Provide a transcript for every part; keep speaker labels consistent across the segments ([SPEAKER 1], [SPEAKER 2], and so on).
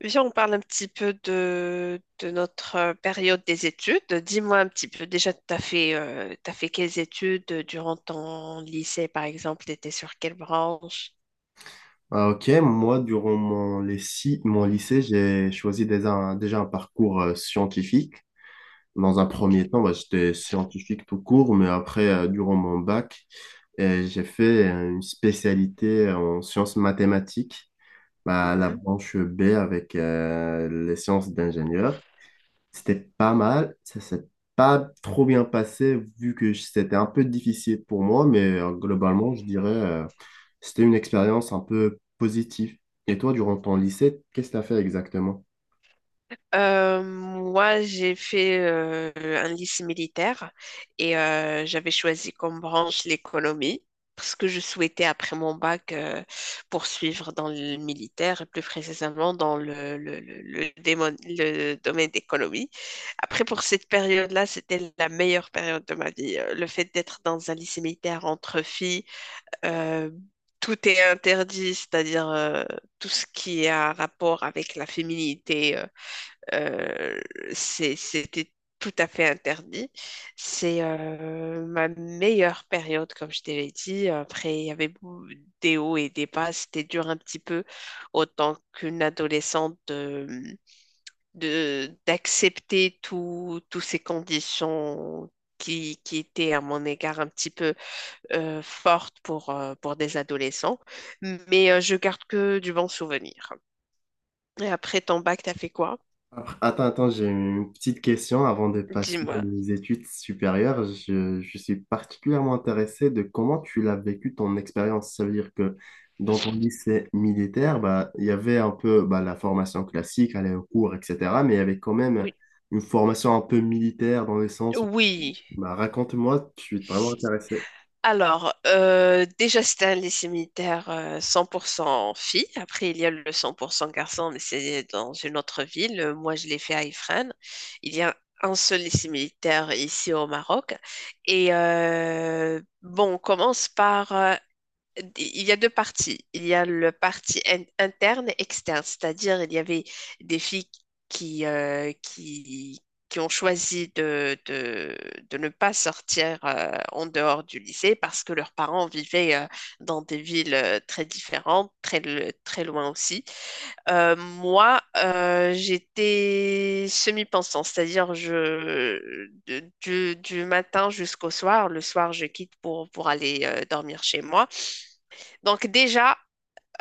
[SPEAKER 1] Viens, on parle un petit peu de notre période des études. Dis-moi un petit peu, déjà, t'as fait quelles études durant ton lycée, par exemple, tu étais sur quelle branche?
[SPEAKER 2] Ah, ok, moi, durant mon lycée, j'ai choisi déjà un parcours scientifique. Dans un premier temps, bah, j'étais scientifique tout court, mais après, durant mon bac, j'ai fait une spécialité en sciences mathématiques, bah, la branche B avec les sciences d'ingénieur. C'était pas mal, ça s'est pas trop bien passé vu que c'était un peu difficile pour moi, mais globalement, je dirais c'était une expérience un peu positive. Et toi, durant ton lycée, qu'est-ce que tu as fait exactement?
[SPEAKER 1] Moi, j'ai fait un lycée militaire et j'avais choisi comme branche l'économie parce que je souhaitais, après mon bac, poursuivre dans le militaire et plus précisément dans le domaine d'économie. Après, pour cette période-là, c'était la meilleure période de ma vie. Le fait d'être dans un lycée militaire entre filles, euh, tout est interdit, c'est-à-dire tout ce qui a rapport avec la féminité, euh, c'était tout à fait interdit. C'est ma meilleure période, comme je te l'ai dit. Après, il y avait des hauts et des bas. C'était dur un petit peu, autant qu'une adolescente, d'accepter tout, toutes ces conditions. Qui étaient, à mon égard, un petit peu fortes pour des adolescents, mais je garde que du bon souvenir. Et après ton bac, t'as fait quoi?
[SPEAKER 2] Attends, attends, j'ai une petite question avant de passer
[SPEAKER 1] Dis-moi.
[SPEAKER 2] aux études supérieures. Je suis particulièrement intéressé de comment tu l'as vécu ton expérience. Ça veut dire que dans ton lycée militaire, bah, il y avait un peu bah, la formation classique, aller au cours, etc. Mais il y avait quand même
[SPEAKER 1] Oui.
[SPEAKER 2] une formation un peu militaire dans le sens où,
[SPEAKER 1] Oui,
[SPEAKER 2] bah, raconte-moi, je suis vraiment intéressé.
[SPEAKER 1] alors déjà c'était un lycée militaire 100% filles. Après il y a le 100% garçons, mais c'est dans une autre ville. Moi je l'ai fait à Ifrane. Il y a un seul lycée militaire ici au Maroc. Et bon, on commence par il y a deux parties. Il y a le interne et externe, c'est-à-dire il y avait des filles qui, qui ont choisi de ne pas sortir en dehors du lycée parce que leurs parents vivaient dans des villes très différentes, très loin aussi. J'étais semi-pensant, c'est-à-dire du matin jusqu'au soir. Le soir, je quitte pour aller dormir chez moi. Donc déjà,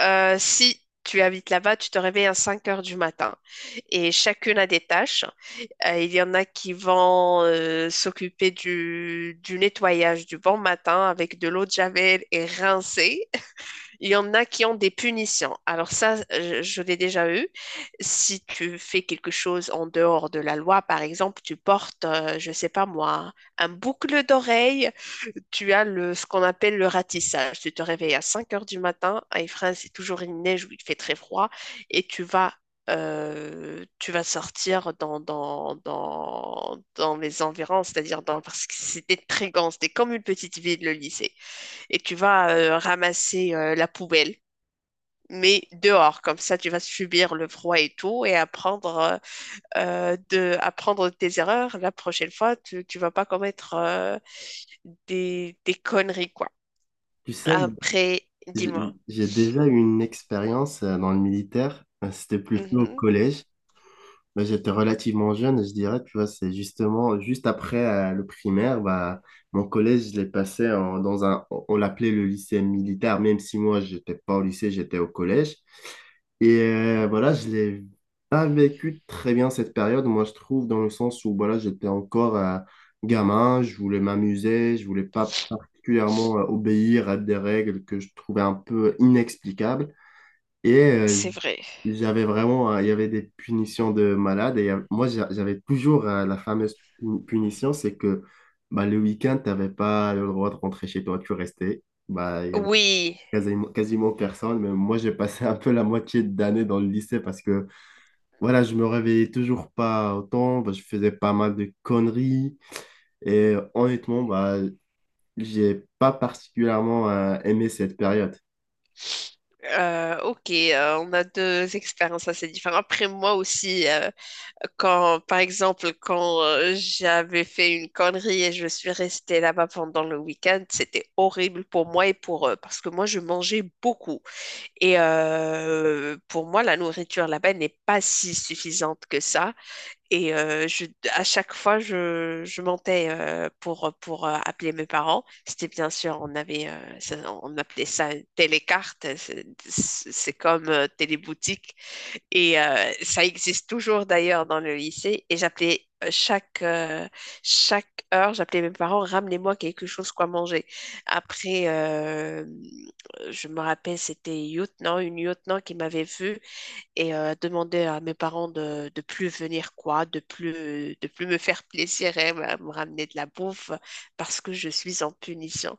[SPEAKER 1] si tu habites là-bas, tu te réveilles à 5 heures du matin et chacune a des tâches. Il y en a qui vont s'occuper du nettoyage du bon matin avec de l'eau de javel et rincer. Il y en a qui ont des punitions. Alors ça, je l'ai déjà eu. Si tu fais quelque chose en dehors de la loi, par exemple, tu portes, je sais pas moi, un boucle d'oreille, tu as le, ce qu'on appelle le ratissage. Tu te réveilles à 5 heures du matin, à Ifrane, c'est toujours une neige où il fait très froid, et tu vas sortir dans les environs, c'est-à-dire dans, parce que c'était très grand, c'était comme une petite ville, le lycée. Et tu vas ramasser la poubelle. Mais dehors, comme ça, tu vas subir le froid et tout, et apprendre, apprendre de tes erreurs. La prochaine fois, tu vas pas commettre des conneries, quoi.
[SPEAKER 2] Tu sais, moi,
[SPEAKER 1] Après,
[SPEAKER 2] j'ai
[SPEAKER 1] dis-moi.
[SPEAKER 2] j'ai déjà eu une expérience dans le militaire. C'était plutôt au
[SPEAKER 1] Mhm,
[SPEAKER 2] collège. Bah, j'étais relativement jeune, je dirais, tu vois, c'est justement juste après le primaire, bah, mon collège, je l'ai passé dans un, on l'appelait le lycée militaire, même si moi, j'étais pas au lycée, j'étais au collège. Et voilà, je l'ai pas vécu très bien cette période, moi, je trouve, dans le sens où, voilà, j'étais encore gamin, je voulais m'amuser, je voulais pas particulièrement obéir à des règles que je trouvais un peu inexplicables. Et
[SPEAKER 1] c'est vrai.
[SPEAKER 2] j'avais vraiment, il y avait des punitions de malade. Et moi, j'avais toujours la fameuse punition, c'est que bah, le week-end, tu n'avais pas le droit de rentrer chez toi, tu restais. Bah, il y avait
[SPEAKER 1] Oui.
[SPEAKER 2] quasiment personne. Mais moi, j'ai passé un peu la moitié d'année dans le lycée parce que voilà, je me réveillais toujours pas autant. Bah, je faisais pas mal de conneries. Et honnêtement, bah, j'ai pas particulièrement aimé cette période.
[SPEAKER 1] Ok, on a deux expériences assez différentes. Après, moi aussi, par exemple, quand j'avais fait une connerie et je suis restée là-bas pendant le week-end, c'était horrible pour moi et pour eux, parce que moi, je mangeais beaucoup. Et pour moi, la nourriture là-bas n'est pas si suffisante que ça. Et euh, je, à chaque fois, je mentais pour appeler mes parents. C'était bien sûr, on avait, on appelait ça une télécarte. C'est comme téléboutique. Et ça existe toujours d'ailleurs dans le lycée. Et j'appelais chaque heure, j'appelais mes parents, ramenez-moi quelque chose quoi manger. Après, je me rappelle, c'était lieutenant, une lieutenant qui m'avait vue et demander à mes parents de plus venir quoi, de plus me faire plaisir et me ramener de la bouffe parce que je suis en punition.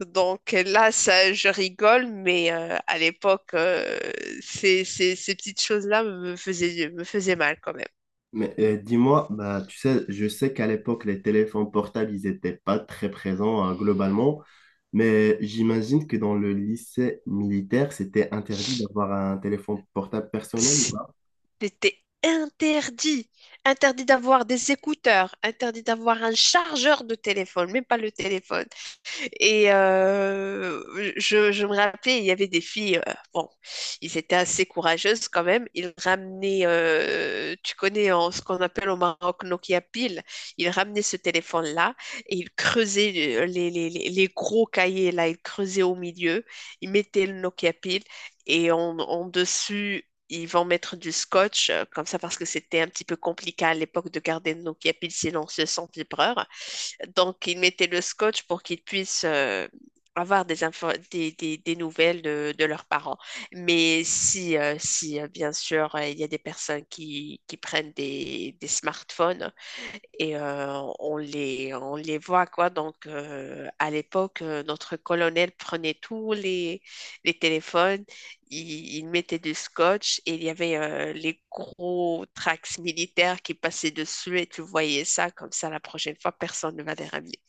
[SPEAKER 1] Donc là, ça, je rigole, mais à l'époque, ces petites choses-là me faisaient mal quand même.
[SPEAKER 2] Mais dis-moi, bah, tu sais, je sais qu'à l'époque, les téléphones portables, ils n'étaient pas très présents hein, globalement, mais j'imagine que dans le lycée militaire, c'était interdit d'avoir un téléphone portable personnel ou pas?
[SPEAKER 1] C'était interdit. Interdit d'avoir des écouteurs, interdit d'avoir un chargeur de téléphone, même pas le téléphone. Et je me rappelais, il y avait des filles, bon, ils étaient assez courageuses quand même. Ils ramenaient, tu connais en, ce qu'on appelle au Maroc Nokia Pile, ils ramenaient ce téléphone-là et ils creusaient les gros cahiers là, ils creusaient au milieu, ils mettaient le Nokia Pile et en, en dessus. Ils vont mettre du scotch, comme ça, parce que c'était un petit peu compliqué à l'époque de garder le Nokia Pile sinon on se sent vibreur. Donc, il mettait le scotch pour qu'ils puissent avoir des, info- des nouvelles de leurs parents. Mais si bien sûr, il y a des personnes qui prennent des smartphones, et on les voit, quoi. Donc, à l'époque, notre colonel prenait les téléphones, il mettait du scotch et il y avait les gros tracts militaires qui passaient dessus et tu voyais ça, comme ça, la prochaine fois, personne ne va les ramener.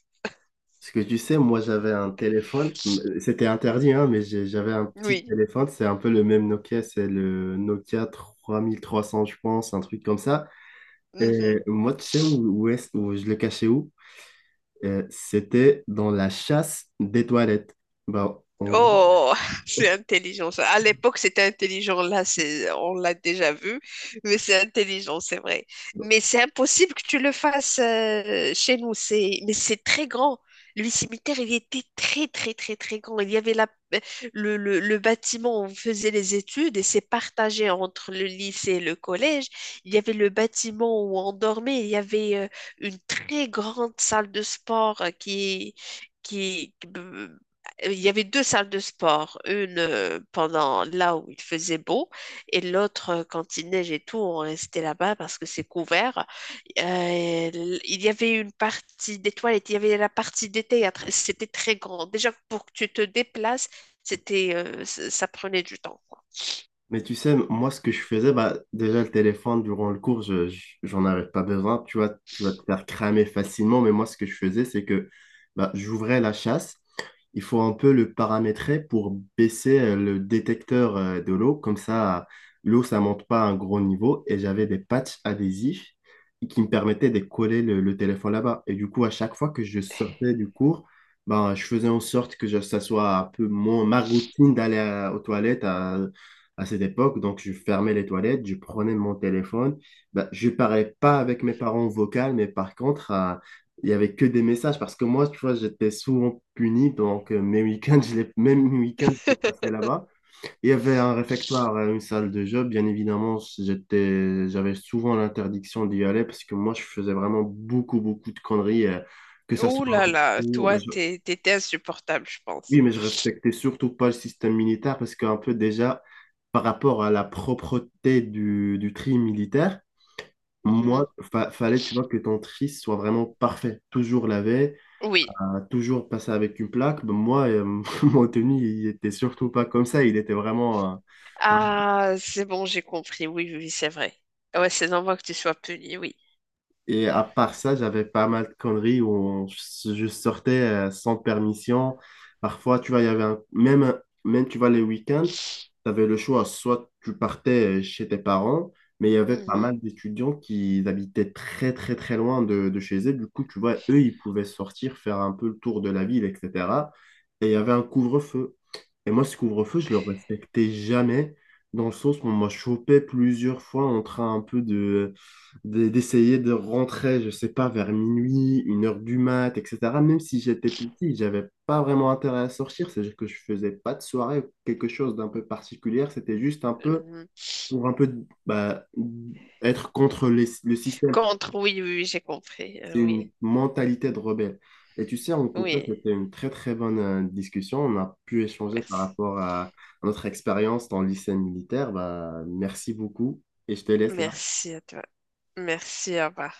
[SPEAKER 2] Parce que tu sais, moi, j'avais un téléphone, c'était interdit, hein, mais j'avais un petit
[SPEAKER 1] Oui.
[SPEAKER 2] téléphone, c'est un peu le même Nokia, c'est le Nokia trois trois mille trois cents je pense, un truc comme ça. Et
[SPEAKER 1] Mhm.
[SPEAKER 2] moi, tu sais où je le cachais où? C'était dans la chasse des toilettes. Bah, en gros,
[SPEAKER 1] Oh, c'est intelligent ça. À l'époque, c'était intelligent. Là, c'est, on l'a déjà vu, mais c'est intelligent, c'est vrai. Mais c'est impossible que tu le fasses chez nous. C'est, mais c'est très grand. Le cimetière, il était très, très, très, très grand. Il y avait le bâtiment où on faisait les études et c'est partagé entre le lycée et le collège. Il y avait le bâtiment où on dormait. Il y avait une très grande salle de sport qui Il y avait deux salles de sport, une pendant là où il faisait beau et l'autre quand il neige et tout, on restait là-bas parce que c'est couvert. Euh, il y avait une partie des toilettes, il y avait la partie des théâtres, c'était très grand. Déjà pour que tu te déplaces, c'était, ça prenait du temps, quoi.
[SPEAKER 2] mais tu sais, moi, ce que je faisais, bah, déjà, le téléphone, durant le cours, j'en avais pas besoin. Tu vois, tu vas te faire cramer facilement. Mais moi, ce que je faisais, c'est que bah, j'ouvrais la chasse, il faut un peu le paramétrer pour baisser le détecteur de l'eau. Comme ça, l'eau, ça monte pas à un gros niveau. Et j'avais des patchs adhésifs qui me permettaient de coller le téléphone là-bas. Et du coup, à chaque fois que je sortais du cours, ben, je faisais en sorte que ça soit un peu mon, ma routine d'aller aux toilettes à cette époque. Donc, je fermais les toilettes, je prenais mon téléphone. Ben, je parlais pas avec mes parents vocal, mais par contre, il y avait que des messages parce que moi, tu vois, j'étais souvent puni. Donc, mes week-ends, je les, même mes week-ends, je les passais là-bas. Il y avait un réfectoire, une salle de jeu. Bien évidemment, j'étais, j'avais souvent l'interdiction d'y aller parce que moi, je faisais vraiment beaucoup de conneries. Que ça
[SPEAKER 1] Oh
[SPEAKER 2] soit en
[SPEAKER 1] là là,
[SPEAKER 2] cours.
[SPEAKER 1] toi, t'étais insupportable, je
[SPEAKER 2] Oui,
[SPEAKER 1] pense.
[SPEAKER 2] mais je respectais surtout pas le système militaire parce qu'un peu déjà, par rapport à la propreté du tri militaire,
[SPEAKER 1] Mhm.
[SPEAKER 2] moi, fallait, tu vois, que ton tri soit vraiment parfait, toujours lavé,
[SPEAKER 1] Oui.
[SPEAKER 2] a toujours passé avec une plaque. Ben, moi, mon tenue, il était surtout pas comme ça. Il était vraiment. Euh,
[SPEAKER 1] Ah, c'est bon, j'ai compris. Oui, oui, oui, c'est vrai. Ouais, c'est normal que tu sois puni, oui.
[SPEAKER 2] Et à part ça, j'avais pas mal de conneries où je sortais sans permission. Parfois, tu vois, il y avait un- même, tu vois, les week-ends, tu avais le choix. Soit tu partais chez tes parents, mais il y avait pas mal
[SPEAKER 1] Mhm.
[SPEAKER 2] d'étudiants qui habitaient très, très, très loin de chez eux. Du coup, tu vois, eux, ils pouvaient sortir, faire un peu le tour de la ville, etc. Et il y avait un couvre-feu. Et moi, ce couvre-feu, je le respectais jamais, dans le sens où on m'a chopé plusieurs fois en train un peu de, d'essayer de rentrer, je sais pas, vers minuit, une heure du mat, etc. Même si j'étais petit, j'avais pas vraiment intérêt à sortir, c'est-à-dire que je faisais pas de soirée ou quelque chose d'un peu particulier, c'était juste un peu
[SPEAKER 1] Mhm.
[SPEAKER 2] pour un peu bah, être contre le système.
[SPEAKER 1] Contre, oui, oui, oui, j'ai compris.
[SPEAKER 2] C'est
[SPEAKER 1] Oui,
[SPEAKER 2] une mentalité de rebelle. Et tu sais, en tout cas,
[SPEAKER 1] oui,
[SPEAKER 2] c'était une très très bonne discussion. On a pu échanger par
[SPEAKER 1] merci.
[SPEAKER 2] rapport à notre expérience dans le lycée militaire. Bah, merci beaucoup et je te laisse là.
[SPEAKER 1] Merci à toi. Merci, à revoir.